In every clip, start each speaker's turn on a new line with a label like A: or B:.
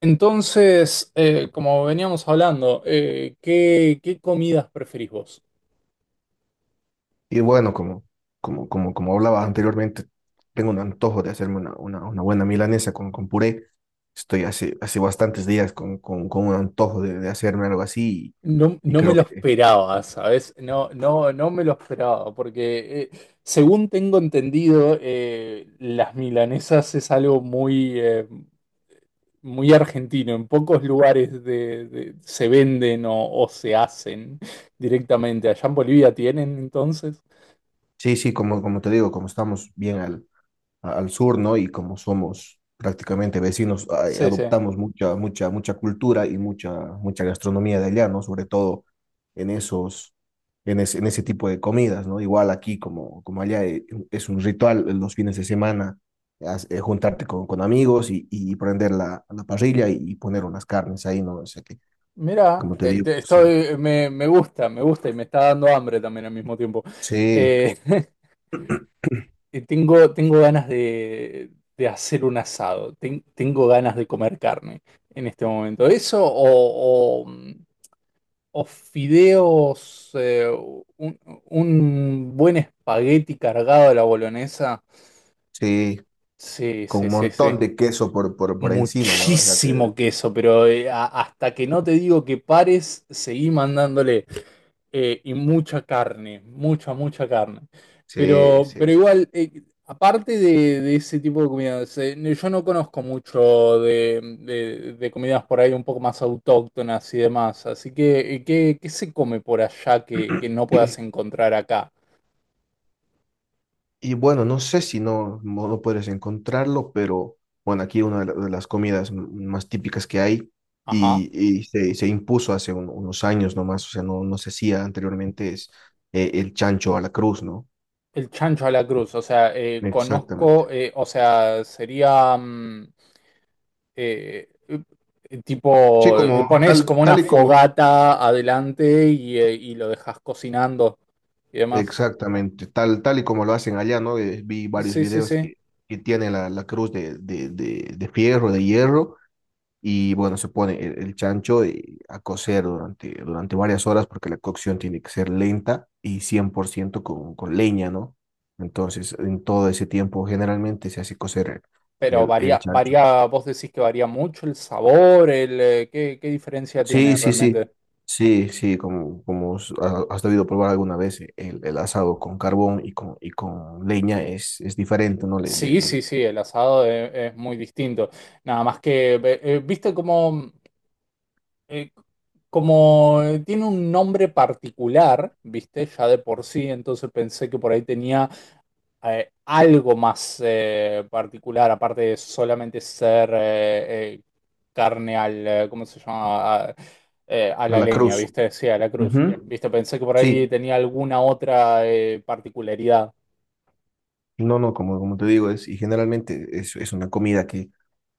A: Entonces, como veníamos hablando, qué comidas preferís vos?
B: Y bueno, como hablaba anteriormente, tengo un antojo de hacerme una buena milanesa con puré. Estoy hace bastantes días con un antojo de hacerme algo así
A: No,
B: y
A: no me
B: creo
A: lo
B: que
A: esperaba, ¿sabes? No me lo esperaba, porque según tengo entendido, las milanesas es algo muy, muy argentino. En pocos lugares se venden o se hacen directamente. Allá en Bolivia tienen, entonces.
B: sí, sí, como te digo, como estamos bien al sur, ¿no? Y como somos prácticamente vecinos, a-
A: Sí, sí.
B: adoptamos mucha cultura y mucha gastronomía de allá, ¿no? Sobre todo en esos, en ese tipo de comidas, ¿no? Igual aquí como allá es un ritual en los fines de semana, juntarte con amigos y prender la parrilla y poner unas carnes ahí, ¿no? O sea que,
A: Mira,
B: como te digo, sí,
A: estoy, me gusta y me está dando hambre también al mismo tiempo.
B: sí,
A: Eh, y tengo ganas de hacer un asado. Tengo ganas de comer carne en este momento. Eso o fideos, un, un buen espagueti cargado a la bolonesa.
B: sí,
A: Sí,
B: con
A: sí,
B: un
A: sí, sí.
B: montón de queso por encima, ¿no? O sea que,
A: Muchísimo queso, pero hasta que no te digo que pares, seguí mandándole. Y mucha carne, mucha, mucha carne.
B: sí, sí.
A: Pero igual, aparte de, ese tipo de comidas, yo no conozco mucho de comidas por ahí un poco más autóctonas y demás. Así que, qué se come por allá
B: Sí.
A: que no puedas encontrar acá?
B: Y bueno, no sé si no puedes encontrarlo, pero bueno, aquí de las comidas más típicas que hay
A: Ajá.
B: y se impuso hace unos años nomás, o sea, no se hacía anteriormente, es el chancho a la cruz, ¿no?
A: El chancho a la cruz, o sea,
B: Exactamente.
A: conozco, o sea, sería... mm, eh,
B: Sí,
A: tipo,
B: como
A: pones
B: tal,
A: como una
B: tal y como,
A: fogata adelante y lo dejas cocinando y demás.
B: exactamente, tal y como lo hacen allá, ¿no? Vi varios
A: Sí, sí,
B: videos
A: sí.
B: que tiene la cruz de fierro, de hierro y bueno, se pone el chancho a cocer durante varias horas porque la cocción tiene que ser lenta y 100% con leña, ¿no? Entonces, en todo ese tiempo generalmente se hace cocer
A: Pero
B: el
A: varía,
B: chancho.
A: varía, vos decís que varía mucho el sabor, el, qué diferencia tiene
B: Sí, sí, sí,
A: realmente?
B: sí, sí, como has debido probar alguna vez, el asado con carbón y con leña es diferente, ¿no? Le, le-
A: Sí, sí,
B: le-
A: sí, el asado es muy distinto. Nada más que, viste como, eh, tiene un nombre particular, viste, ya de por sí, entonces pensé que por ahí tenía algo más particular, aparte de solamente ser carne al, ¿cómo se llama? A
B: a
A: la
B: la
A: leña,
B: cruz.
A: ¿viste? Sí, a la cruz.
B: Ujú.
A: ¿Viste? Pensé que por ahí
B: Sí,
A: tenía alguna otra particularidad.
B: no, como te digo, es, y generalmente es una comida que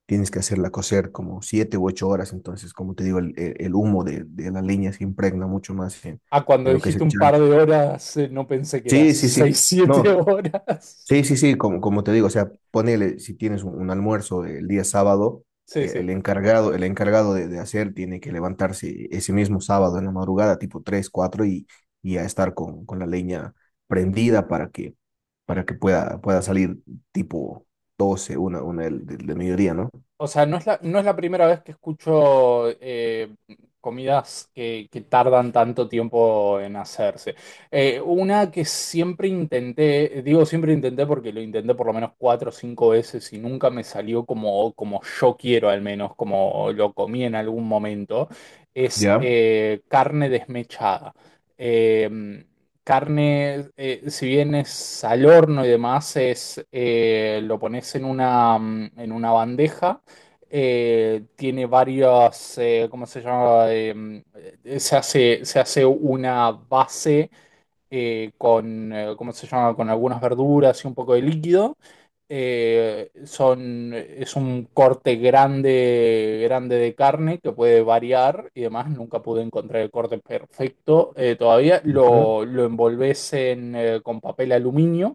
B: tienes que hacerla cocer como 7 u 8 horas, entonces, como te digo, el humo de la leña se impregna mucho más en,
A: Ah,
B: en
A: cuando
B: lo que es
A: dijiste
B: el
A: un par de
B: chancho.
A: horas, no pensé que eran
B: Sí, sí, sí,
A: seis siete
B: no,
A: horas.
B: sí, sí, sí, como te digo, o sea, ponele, si tienes un almuerzo el día sábado,
A: Sí, sí.
B: el encargado de hacer tiene que levantarse ese mismo sábado en la madrugada, tipo 3 4 y a estar con la leña prendida para que pueda salir tipo 12 una del mediodía, ¿no?
A: O sea, no es la, no es la primera vez que escucho comidas que tardan tanto tiempo en hacerse. Una que siempre intenté, digo siempre intenté porque lo intenté por lo menos cuatro o cinco veces y nunca me salió como, como yo quiero, al menos como lo comí en algún momento, es
B: Ya.
A: carne desmechada. Eh, Carne, si bien es al horno y demás, es, lo pones en una, en una bandeja tiene varios, ¿cómo se llama? Se hace una base ¿cómo se llama? Con algunas verduras y un poco de líquido. Es un corte grande, grande de carne que puede variar y demás. Nunca pude encontrar el corte perfecto todavía.
B: Ujú.
A: Lo envolves en, con papel aluminio.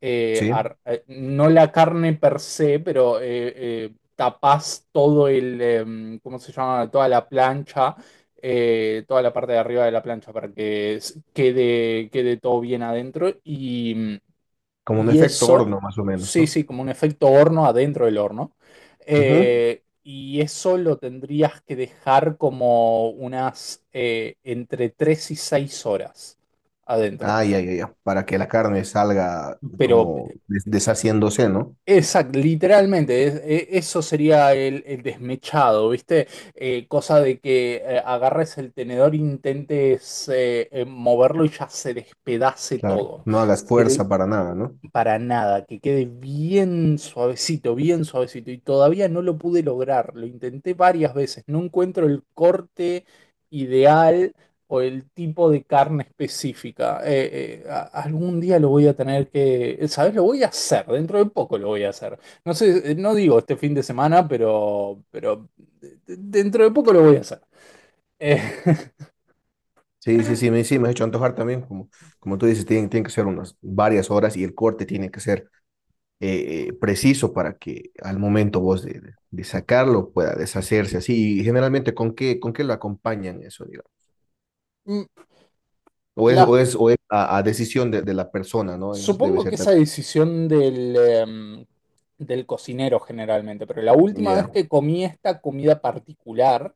B: Sí.
A: No la carne per se, pero tapás todo el, ¿cómo se llama? Toda la plancha, toda la parte de arriba de la plancha para que quede, quede todo bien adentro
B: Como un
A: y
B: efecto
A: eso,
B: horno, más o menos,
A: sí,
B: ¿no?
A: sí, como un efecto horno adentro del horno.
B: Ujú.
A: Y eso lo tendrías que dejar como unas entre 3 y 6 horas adentro.
B: Ah, ya, ya, ya. Para que la carne salga
A: Pero
B: como deshaciéndose, ¿no?
A: exacto, literalmente, eso sería el desmechado, ¿viste? Cosa de que agarres el tenedor, intentes moverlo y ya se despedace
B: Claro.
A: todo
B: No hagas fuerza para nada, ¿no?
A: para nada, que quede bien suavecito, bien suavecito. Y todavía no lo pude lograr. Lo intenté varias veces. No encuentro el corte ideal o el tipo de carne específica. Algún día lo voy a tener que, ¿sabes? Lo voy a hacer. Dentro de poco lo voy a hacer. No sé, no digo este fin de semana, pero dentro de poco lo voy a hacer. Eh,
B: Sí, sí, sí, sí, me has hecho antojar también. Como tú dices, tienen que ser unas varias horas y el corte tiene que ser preciso para que al momento vos de sacarlo pueda deshacerse así. Y generalmente, ¿con qué lo acompañan eso, digamos? O es,
A: La
B: o es, o es a decisión de la persona, ¿no? Debe
A: supongo
B: ser
A: que esa decisión del, del cocinero generalmente, pero la
B: también.
A: última vez
B: Ya,
A: que comí esta comida particular,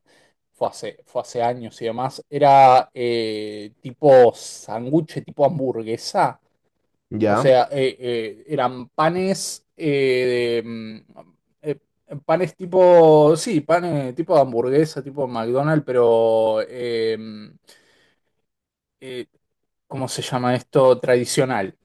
A: fue hace años y demás, era tipo sanguche, tipo hamburguesa. O
B: ya.
A: sea, eran panes, de, mm, eh, panes tipo, sí, panes tipo de hamburguesa, tipo McDonald's, pero, eh, ¿cómo se llama esto? Tradicional.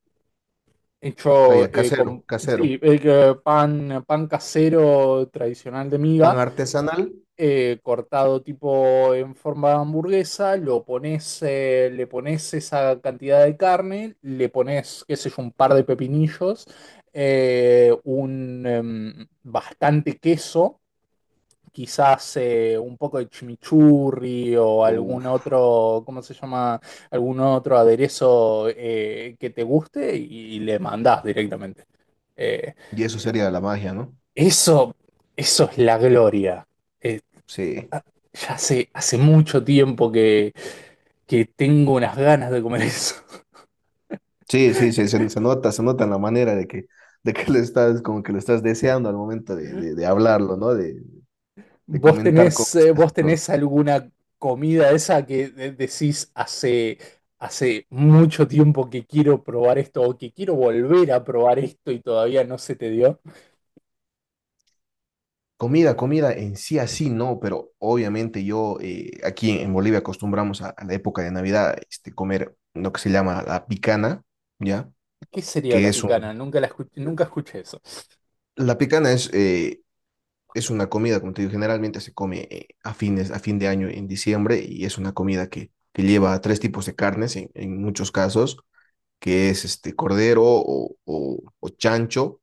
B: Ah, ya,
A: Hecho con
B: casero,
A: sí,
B: casero.
A: pan casero tradicional de
B: Pan
A: miga,
B: artesanal.
A: cortado tipo en forma de hamburguesa, lo pones, le pones esa cantidad de carne, le pones, qué sé yo, un par de pepinillos, bastante queso quizás un poco de chimichurri o algún
B: Uf,
A: otro, ¿cómo se llama? Algún otro aderezo que te guste y le mandás directamente. Eh,
B: y eso sería la magia, ¿no?
A: eso, eso es la gloria. Eh,
B: Sí.
A: hace mucho tiempo que tengo unas ganas de comer eso.
B: Sí, sí, sí, se nota en la manera de que le estás, como que lo estás deseando al momento de, de hablarlo, ¿no? De comentar cómo se hace
A: Vos
B: todo.
A: tenés alguna comida esa que decís hace mucho tiempo que quiero probar esto o que quiero volver a probar esto y todavía no se te dio?
B: Comida en sí así no, pero obviamente yo aquí en Bolivia acostumbramos a la época de Navidad comer lo que se llama la picana, ¿ya?
A: ¿Qué sería
B: Que
A: la
B: es
A: picana?
B: un...
A: Nunca escuché eso.
B: La picana es una comida, como te digo, generalmente se come a fines, a fin de año en diciembre y es una comida que lleva tres tipos de carnes en muchos casos, que es este cordero o chancho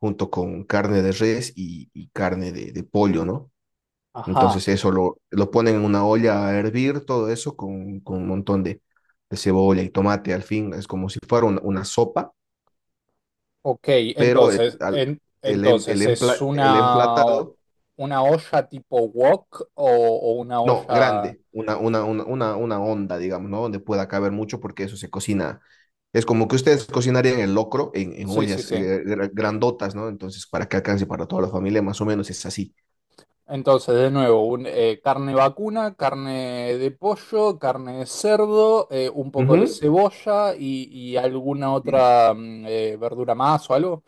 B: junto con carne de res y carne de pollo, ¿no?
A: Ajá,
B: Entonces eso lo ponen en una olla a hervir, todo eso con un montón de cebolla y tomate, al fin, es como si fuera una sopa,
A: ok,
B: pero el, al- el em- el
A: entonces ¿es
B: empla- el emplatado.
A: una olla tipo wok o una
B: No,
A: olla...
B: grande, una onda, digamos, ¿no? Donde pueda caber mucho porque eso se cocina. Es como que ustedes cocinarían el locro en
A: Sí, sí,
B: ollas
A: sí.
B: grandotas, ¿no? Entonces, para que alcance para toda la familia, más o menos es así.
A: Entonces, de nuevo, carne vacuna, carne de pollo, carne de cerdo, un poco de
B: Ujú.
A: cebolla y alguna
B: Sí.
A: otra verdura más o algo.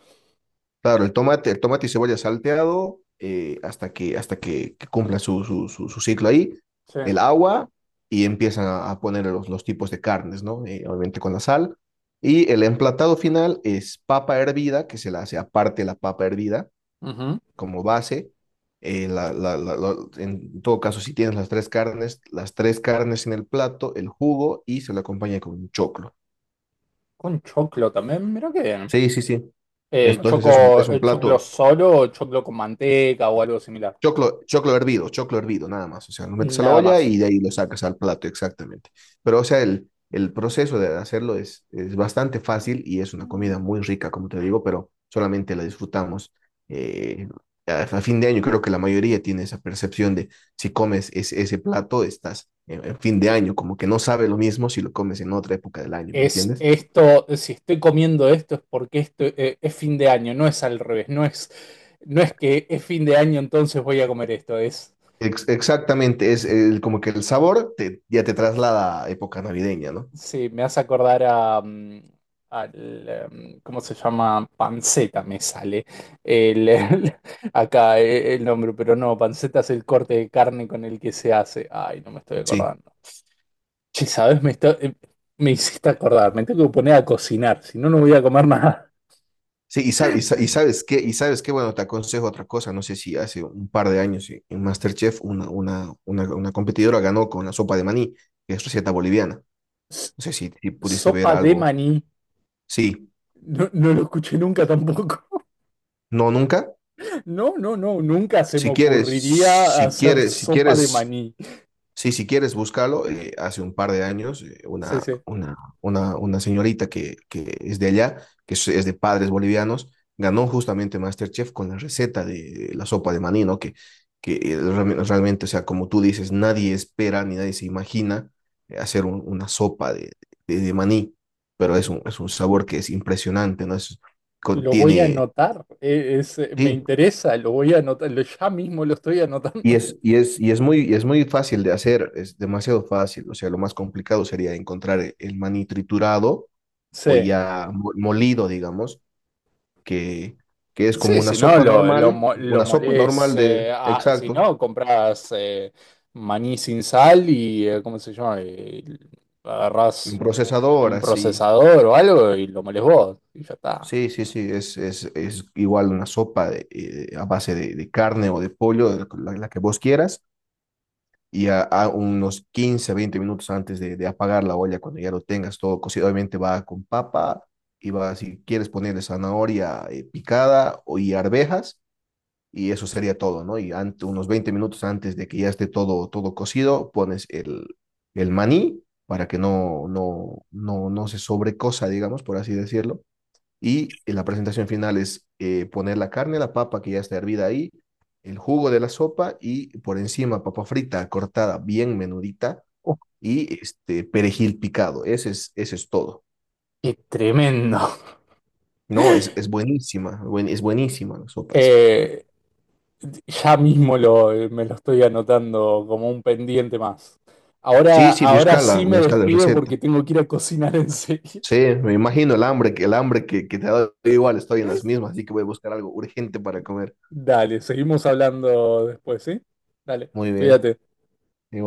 B: Claro, el tomate y cebolla salteado hasta que cumpla su ciclo ahí,
A: Sí.
B: el agua y empiezan a poner los tipos de carnes, ¿no? Obviamente con la sal. Y el emplatado final es papa hervida, que se la hace aparte la papa hervida
A: Ujú.
B: como base. En todo caso, si tienes las tres carnes, en el plato, el jugo y se lo acompaña con un choclo.
A: Con choclo también, mira qué bien.
B: Sí, sí, sí. Bueno,
A: Eh,
B: entonces es un,
A: choco,
B: es un
A: choclo
B: plato.
A: solo o choclo con manteca o algo similar.
B: Choclo hervido, nada más. O sea, lo metes a la
A: Nada
B: olla
A: más.
B: y de ahí lo sacas al plato, exactamente. Pero, o sea, el proceso de hacerlo es bastante fácil y es una comida muy rica, como te digo, pero solamente la disfrutamos eh, a fin de año. Creo que la mayoría tiene esa percepción de si comes ese plato, estás en fin de año, como que no sabe lo mismo si lo comes en otra época del año, ¿me
A: Es
B: entiendes?
A: esto, si estoy comiendo esto es porque esto, es fin de año, no es al revés, no es, no es que es fin de año entonces voy a comer esto, es...
B: Exactamente, como que el sabor te, ya te traslada a época navideña, ¿no?
A: Sí, me hace acordar a, ¿cómo se llama? Panceta me sale el, el- acá el nombre, pero no, panceta es el corte de carne con el que se hace. Ay, no me estoy
B: Sí.
A: acordando. Che, ¿sabes? Me hiciste acordar, me tengo que poner a cocinar, si no, no voy a comer nada.
B: Sí, y, sab- y sa- y sabes qué, bueno, te aconsejo otra cosa, no sé si hace un par de años sí, en MasterChef una competidora ganó con la sopa de maní, que es receta boliviana. No
A: S-
B: sé si pudiste ver
A: Sopa de
B: algo.
A: maní,
B: Sí,
A: no, no lo escuché nunca tampoco.
B: no, nunca.
A: No, no, no, nunca se me
B: Si quieres,
A: ocurriría
B: si
A: hacer
B: quieres, si
A: sopa de
B: quieres
A: maní.
B: Sí, si quieres, búscalo. Hace un par de años,
A: Sí,
B: una,
A: sí.
B: una, una, una señorita que es de allá, que es de padres bolivianos, ganó justamente MasterChef con la receta de la sopa de maní, ¿no? Que realmente, o sea, como tú dices, nadie espera ni nadie se imagina hacer una sopa de maní, pero es un, sabor que es impresionante, ¿no? Es,
A: Lo voy a
B: contiene,
A: anotar, me
B: sí,
A: interesa, lo voy a anotar, ya mismo lo estoy anotando.
B: Y es, y es, y es muy fácil de hacer, es demasiado fácil. O sea, lo más complicado sería encontrar el maní triturado o
A: Sí,
B: ya molido, digamos, que, que es como
A: sí,
B: una
A: si no,
B: sopa normal,
A: lo
B: una sopa
A: molés,
B: normal de,
A: si
B: exacto,
A: no, compras maní sin sal y, ¿cómo se llama? Y
B: un
A: agarrás
B: procesador,
A: un
B: así.
A: procesador o algo y lo molés vos, y ya está.
B: Sí, sí, sí, es igual una sopa a base de carne o de pollo, de la que vos quieras y a unos 15-20 minutos antes de apagar la olla, cuando ya lo tengas todo cocido, obviamente va con papa y va, si quieres ponerle zanahoria picada y arvejas, y eso sería todo, ¿no? Unos 20 minutos antes de que ya esté todo, cocido, pones el maní para que no se sobrecosa, digamos, por así decirlo. Y en la presentación final es poner la carne, la papa que ya está hervida ahí, el jugo de la sopa y por encima papa frita cortada bien menudita
A: Uh,
B: y este perejil picado. ese es, todo.
A: qué tremendo.
B: No, es buenísima, buen- es buenísima la sopa esa.
A: Eh, ya mismo lo, me lo estoy anotando como un pendiente más. Ahora,
B: Sí, sí,
A: ahora
B: búscala,
A: sí me
B: busca la
A: despido
B: receta.
A: porque tengo que ir a cocinar en serio.
B: Sí, me imagino el hambre que te ha dado. Yo igual, estoy en las mismas, así que voy a buscar algo urgente para comer.
A: Dale, seguimos hablando después, ¿sí? Dale,
B: Muy bien,
A: cuídate.
B: igual.